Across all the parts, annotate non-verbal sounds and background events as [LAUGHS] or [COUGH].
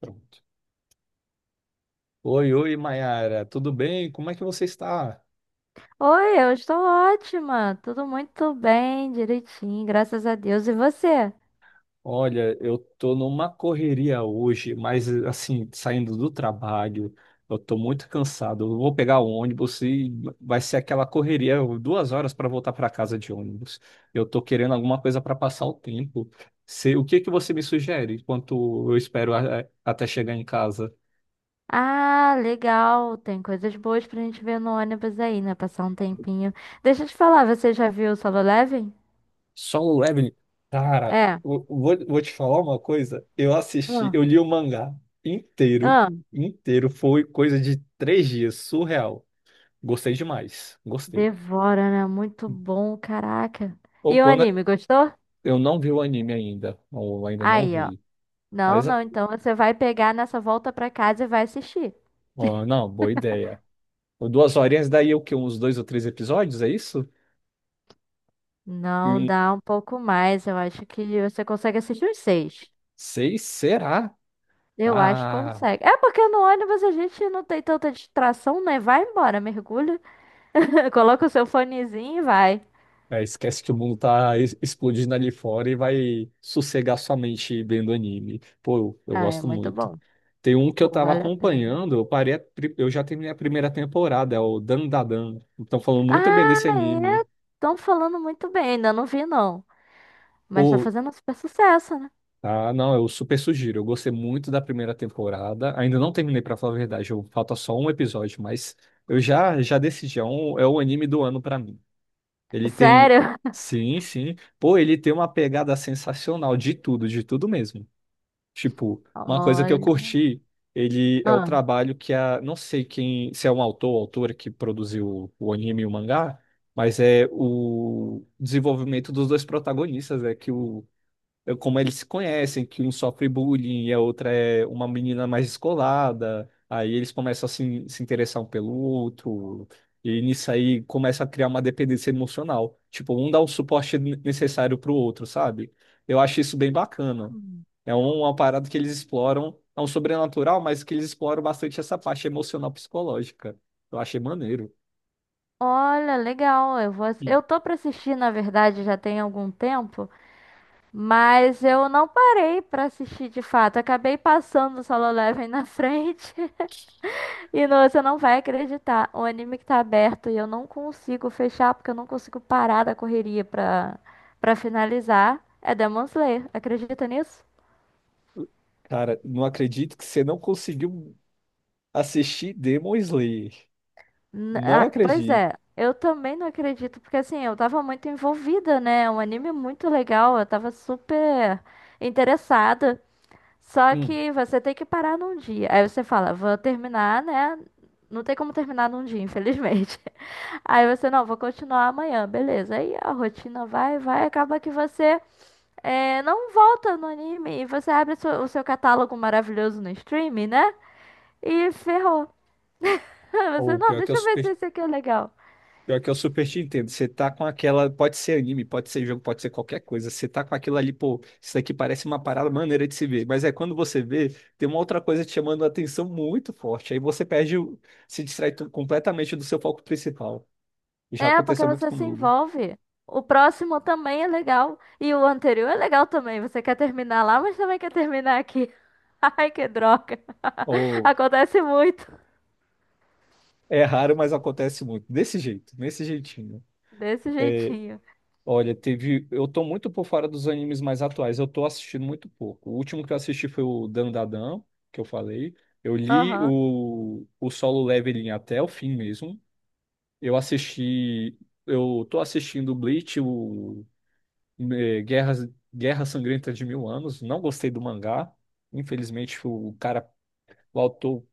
Pronto. Oi, oi, Mayara, tudo bem? Como é que você está? Oi, eu estou ótima. Tudo muito bem, direitinho, graças a Deus. E você? Olha, eu tô numa correria hoje, mas assim, saindo do trabalho, eu tô muito cansado. Eu vou pegar o ônibus e vai ser aquela correria, 2 horas para voltar para casa de ônibus. Eu tô querendo alguma coisa para passar o tempo. O que que você me sugere enquanto eu espero até chegar em casa? Ah, legal. Tem coisas boas pra gente ver no ônibus aí, né? Passar um tempinho. Deixa eu te falar, você já viu o Solo Leveling? Solo Leveling. Cara, É. eu vou te falar uma coisa. Eu assisti, Ah, eu li o mangá inteiro, ah. inteiro. Foi coisa de 3 dias, surreal. Gostei demais, gostei. Devora, né? Muito bom, caraca. Ou E o quando anime, gostou? eu não vi o anime ainda, ou ainda não Aí, ó. vi. Não, Mas, não. Então você vai pegar nessa volta pra casa e vai assistir. ó, não, boa ideia. Ou duas horinhas, daí o quê? Uns dois ou três episódios, é isso? E Não, dá um pouco mais. Eu acho que você consegue assistir os seis. seis, será? Eu acho que Ah. consegue. É porque no ônibus a gente não tem tanta distração, né? Vai embora, mergulha, [LAUGHS] coloca o seu fonezinho e vai. É, esquece que o mundo tá explodindo ali fora e vai sossegar sua mente vendo anime. Pô, eu Ah, é gosto muito muito. bom. Tem um que eu Pô, tava vale a pena. acompanhando, eu parei, eu já terminei a primeira temporada, é o Dandadan. Estão falando muito bem Ah, desse é. anime. Estão falando muito bem, ainda não vi não. Mas tá Pô, fazendo super sucesso, né? ah, não, eu super sugiro. Eu gostei muito da primeira temporada. Ainda não terminei, pra falar a verdade, falta só um episódio, mas eu já decidi, é o anime do ano pra mim. Ele tem. Sério? [LAUGHS] Sim, sim. Pô, ele tem uma pegada sensacional de tudo mesmo. Tipo, uma coisa que eu Olha. curti, ele é o Ah. trabalho que não sei quem, se é um autor ou autora que produziu o anime e o mangá, mas é o desenvolvimento dos dois protagonistas, é que como eles se conhecem, que um sofre bullying e a outra é uma menina mais descolada. Aí eles começam a se interessar um pelo outro. E nisso aí começa a criar uma dependência emocional. Tipo, um dá o suporte necessário pro outro, sabe? Eu acho isso bem bacana. Hum. É uma parada que eles exploram, é um sobrenatural, mas que eles exploram bastante essa parte emocional psicológica. Eu achei maneiro. Olha, legal. Eu vou... Ih. eu tô pra assistir, na verdade, já tem algum tempo, mas eu não parei pra assistir de fato. Acabei passando o Solo Leveling na [LAUGHS] frente. E não, você não vai acreditar. O anime que tá aberto e eu não consigo fechar porque eu não consigo parar da correria pra finalizar é Demon Slayer. Acredita nisso? Cara, não acredito que você não conseguiu assistir Demon Slayer. Não Ah, pois acredito. é, eu também não acredito, porque assim, eu tava muito envolvida, né? É um anime muito legal, eu tava super interessada. Só que você tem que parar num dia. Aí você fala, vou terminar, né? Não tem como terminar num dia, infelizmente. Aí você, não, vou continuar amanhã, beleza. Aí a rotina vai, acaba que você não volta no anime e você abre o seu catálogo maravilhoso no streaming, né? E ferrou. [LAUGHS] Você, Ou não, pior que eu deixa eu ver se super, esse aqui é legal. Pior que eu super te entendo. Você tá com aquela. Pode ser anime, pode ser jogo, pode ser qualquer coisa. Você tá com aquilo ali, pô, isso daqui parece uma parada maneira de se ver. Mas é quando você vê, tem uma outra coisa te chamando a atenção muito forte. Aí você perde, se distrai completamente do seu foco principal. Já É, porque aconteceu muito você se comigo. envolve. O próximo também é legal. E o anterior é legal também. Você quer terminar lá, mas também quer terminar aqui. [LAUGHS] Ai, que droga. [LAUGHS] Ou Acontece muito. é raro, mas acontece muito. Desse jeito, nesse jeitinho. Desse jeitinho. Olha, teve. Eu tô muito por fora dos animes mais atuais. Eu tô assistindo muito pouco. O último que eu assisti foi o Dandadan, que eu falei. Eu li Aham. o Solo Leveling até o fim mesmo. Eu assisti. Eu tô assistindo o Bleach, o eh, Guerras, Guerra Sangrenta de Mil Anos. Não gostei do mangá. Infelizmente, o cara, o autor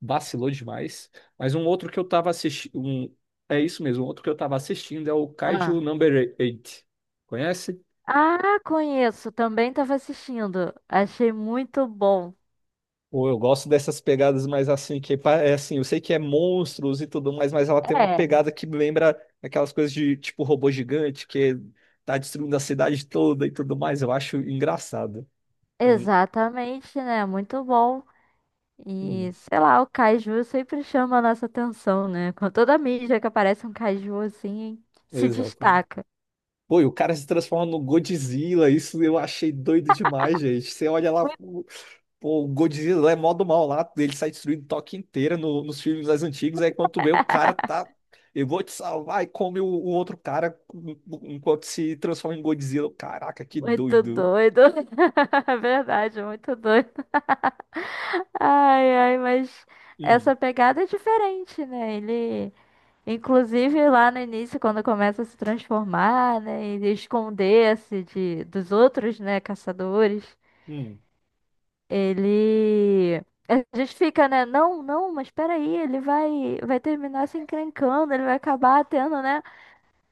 vacilou demais. Mas um outro que eu tava assistindo. É isso mesmo, um outro que eu tava assistindo é o Ah. Kaiju Number 8. Conhece? Ah, conheço. Também estava assistindo. Achei muito bom. Ou eu gosto dessas pegadas mais assim, que é assim, eu sei que é monstros e tudo mais, mas ela tem uma É, pegada que me lembra aquelas coisas de tipo robô gigante que tá destruindo a cidade toda e tudo mais. Eu acho engraçado. exatamente, né? Muito bom. Hum, E sei lá, o caju sempre chama a nossa atenção, né? Com toda a mídia que aparece um caju assim, se Exato. destaca. Pô, e o cara se transforma no Godzilla. Isso eu achei doido demais, gente. Você olha lá, Muito, pô, o Godzilla é mó do mal lá. Ele sai destruindo Tóquio inteira nos filmes mais antigos. Aí quando tu vê o cara tá. Eu vou te salvar e come o outro cara enquanto se transforma em Godzilla. Caraca, que muito doido. doido. [LAUGHS] É verdade, muito doido. Ai, ai, mas Hum, essa pegada é diferente, né? Ele Inclusive lá no início, quando começa a se transformar, né, e esconder-se de dos outros, né, caçadores, hum. ele a gente fica, né, não, não, mas peraí, ele vai terminar se encrencando, ele vai acabar tendo, né,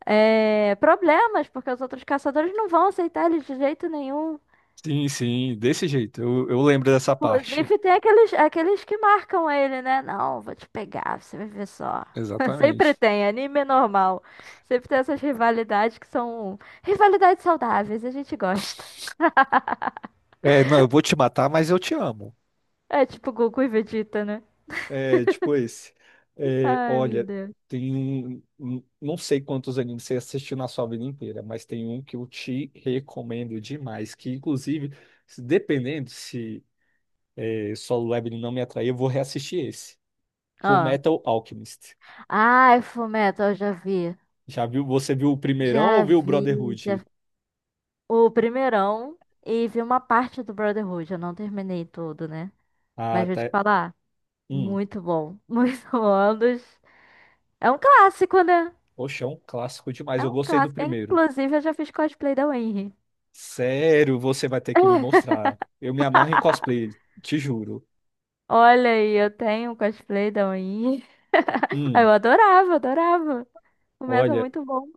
problemas, porque os outros caçadores não vão aceitar ele de jeito nenhum. Sim, sim, desse jeito. Eu lembro dessa parte. Inclusive, tem aqueles que marcam ele, né? Não, vou te pegar, você vai ver só. [LAUGHS] Exatamente. Sempre tem, anime é normal. Sempre tem essas rivalidades que são rivalidades saudáveis, a gente gosta. [LAUGHS] É, não, eu vou te matar, mas eu te amo. É tipo Goku e Vegeta, né? É, tipo esse. É, Ai, meu olha, Deus. tem um, não sei quantos animes você assistiu na sua vida inteira, mas tem um que eu te recomendo demais, que inclusive, dependendo se Solo Leveling não me atrair, eu vou reassistir esse. Full Ah, Metal Alchemist. ai, Fullmetal, eu já vi. Já viu? Você viu o primeirão ou Já viu o vi, já vi. Brotherhood? O primeirão e vi uma parte do Brotherhood. Eu não terminei tudo, né? Ah, Mas vou te até. falar, Hum, muito bom. [LAUGHS] Muito bom. É um clássico, né? poxa, é um clássico demais. É Eu um gostei do clássico. primeiro. Inclusive, eu já fiz cosplay da Winry. Sério, você vai ter que me [LAUGHS] mostrar. Eu me amarro em cosplay, te juro. Olha aí, eu tenho um cosplay da Winry. [LAUGHS] Eu Hum. adorava, adorava. O método é Olha, muito bom.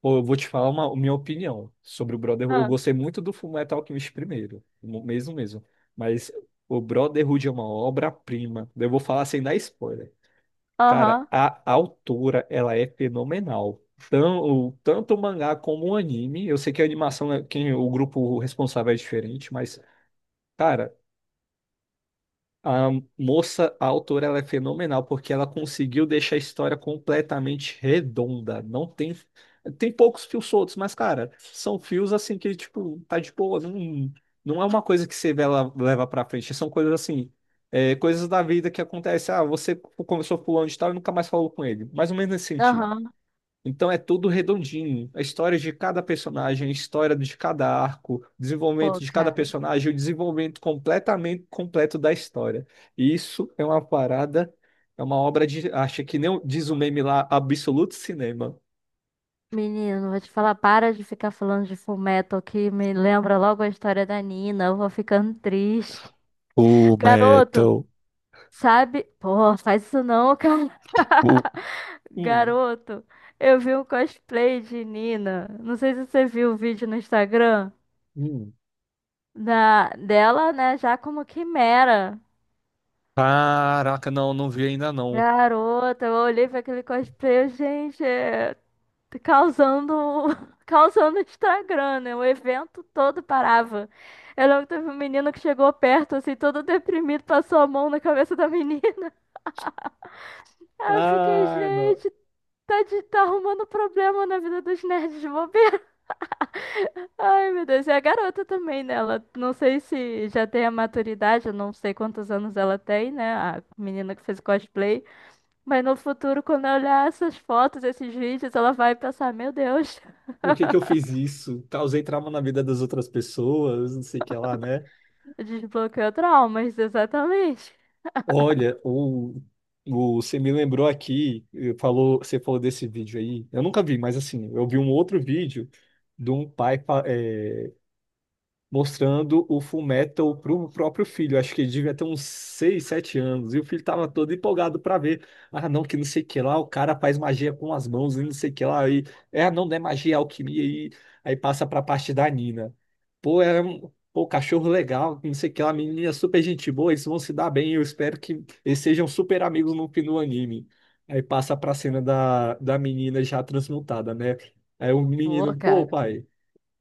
pô, eu vou te falar uma minha opinião sobre o Brotherhood. Eu Ah, gostei muito do Fullmetal Alchemist primeiro, mesmo mesmo. Mas o Brotherhood é uma obra-prima. Eu vou falar sem dar spoiler. Cara, aham, a autora, ela é fenomenal. Tanto o mangá como o anime. Eu sei que a animação, o grupo responsável é diferente, mas, cara. A moça, a autora, ela é fenomenal porque ela conseguiu deixar a história completamente redonda. Não tem poucos fios soltos, mas cara, são fios assim que tipo tá de boa, não, não é uma coisa que você vê ela leva pra frente. São coisas assim, coisas da vida que acontece. Ah, você conversou com fulano de tal e nunca mais falou com ele. Mais ou menos nesse sentido. aham. Então é tudo redondinho. A história de cada personagem, a história de cada arco, o desenvolvimento Pô, de cada cara. personagem, o desenvolvimento completamente completo da história. E isso é uma parada, é uma obra de acho que nem diz o meme lá, absoluto cinema. Menino, vou te falar, para de ficar falando de Full Metal que me lembra logo a história da Nina. Eu vou ficando triste. O [LAUGHS] Garoto, Metal. sabe? Pô, faz isso não, cara. O... [LAUGHS] Hum, Garoto, eu vi um cosplay de Nina. Não sei se você viu o vídeo no Instagram. hum. Dela, né, já como quimera. Caraca, não, não vi ainda não. Garota, eu olhei pra aquele cosplay, eu, gente, tá causando, [LAUGHS] causando Instagram, né? O evento todo parava. Eu lembro que teve um menino que chegou perto, assim, todo deprimido, passou a mão na cabeça da menina. [LAUGHS] Aí eu fiquei, Ah, não. gente, tá arrumando problema na vida dos nerds de bobeira. Ai, meu Deus, e a garota também, né? Ela, não sei se já tem a maturidade, eu não sei quantos anos ela tem, né? A menina que fez o cosplay. Mas no futuro, quando eu olhar essas fotos, esses vídeos, ela vai pensar: Meu Deus, Por que que eu fiz isso? Causei trauma na vida das outras pessoas, não sei o que lá, né? [LAUGHS] desbloqueou traumas, exatamente. Olha, você me lembrou aqui, você falou desse vídeo aí. Eu nunca vi, mas assim, eu vi um outro vídeo de um pai mostrando o Fullmetal pro próprio filho. Acho que ele devia ter uns 6, 7 anos. E o filho tava todo empolgado pra ver. Ah, não, que não sei o que lá, o cara faz magia com as mãos e não sei o que lá. E, não, não é magia, é alquimia. E aí passa pra parte da Nina. Pô, é um pô, cachorro legal, não sei o que lá, menina super gente boa, eles vão se dar bem. Eu espero que eles sejam super amigos no fim do anime. Aí passa pra cena da menina já transmutada, né? Aí o Pô, menino, pô, cara, pai,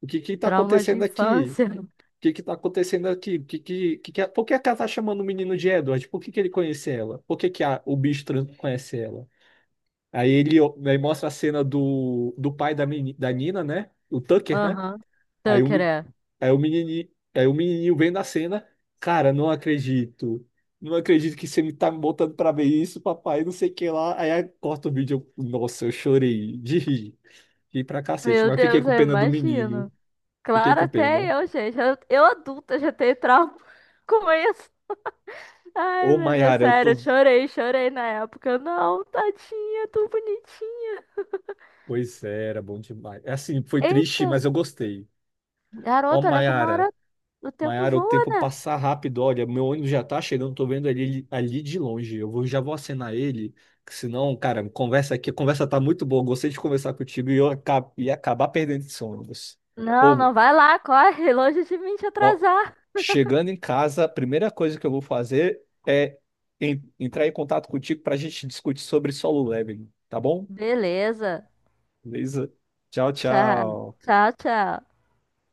o que que tá trauma de acontecendo aqui? infância. Que tá acontecendo aqui? Por que a Kata tá chamando o menino de Edward? Por que que ele conhece ela? Por que que o bicho trans conhece ela? Aí mostra a cena do pai da Nina, né? O Tucker, né? Aham, tô Aí querendo. aí o menininho, aí o menininho vem na cena. Cara, não acredito. Não acredito que você me tá me botando pra ver isso, papai, não sei o que lá. Aí corta o vídeo. Nossa, eu chorei de rir. Ri pra cacete, Meu mas fiquei Deus, com eu pena do menino. imagino. Fiquei Claro, com até pena. eu, gente. Eu adulta já tenho trauma [LAUGHS] com isso. Ai, Ô, meu Deus, Mayara, eu sério, tô. eu chorei, chorei na época. Não, tadinha, tão bonitinha. Pois é, era bom demais. É assim, foi triste, Eita, mas eu gostei. Ó, garota, olha como a Maiara, hora, o tempo Maiara, o voa, tempo né? passa rápido. Olha, meu ônibus já tá chegando, tô vendo ele ali de longe. Já vou acenar ele, que senão, cara, conversa aqui, a conversa tá muito boa. Gostei de conversar contigo e eu ia acabar perdendo esse ônibus. Não, Pô, não vai lá, corre, [LAUGHS] longe de mim te ó, atrasar. chegando em casa, a primeira coisa que eu vou fazer é entrar em contato contigo pra gente discutir sobre Solo Leveling, tá bom? Beleza. Beleza? Tchau, Tchau, tchau. tchau, tchau.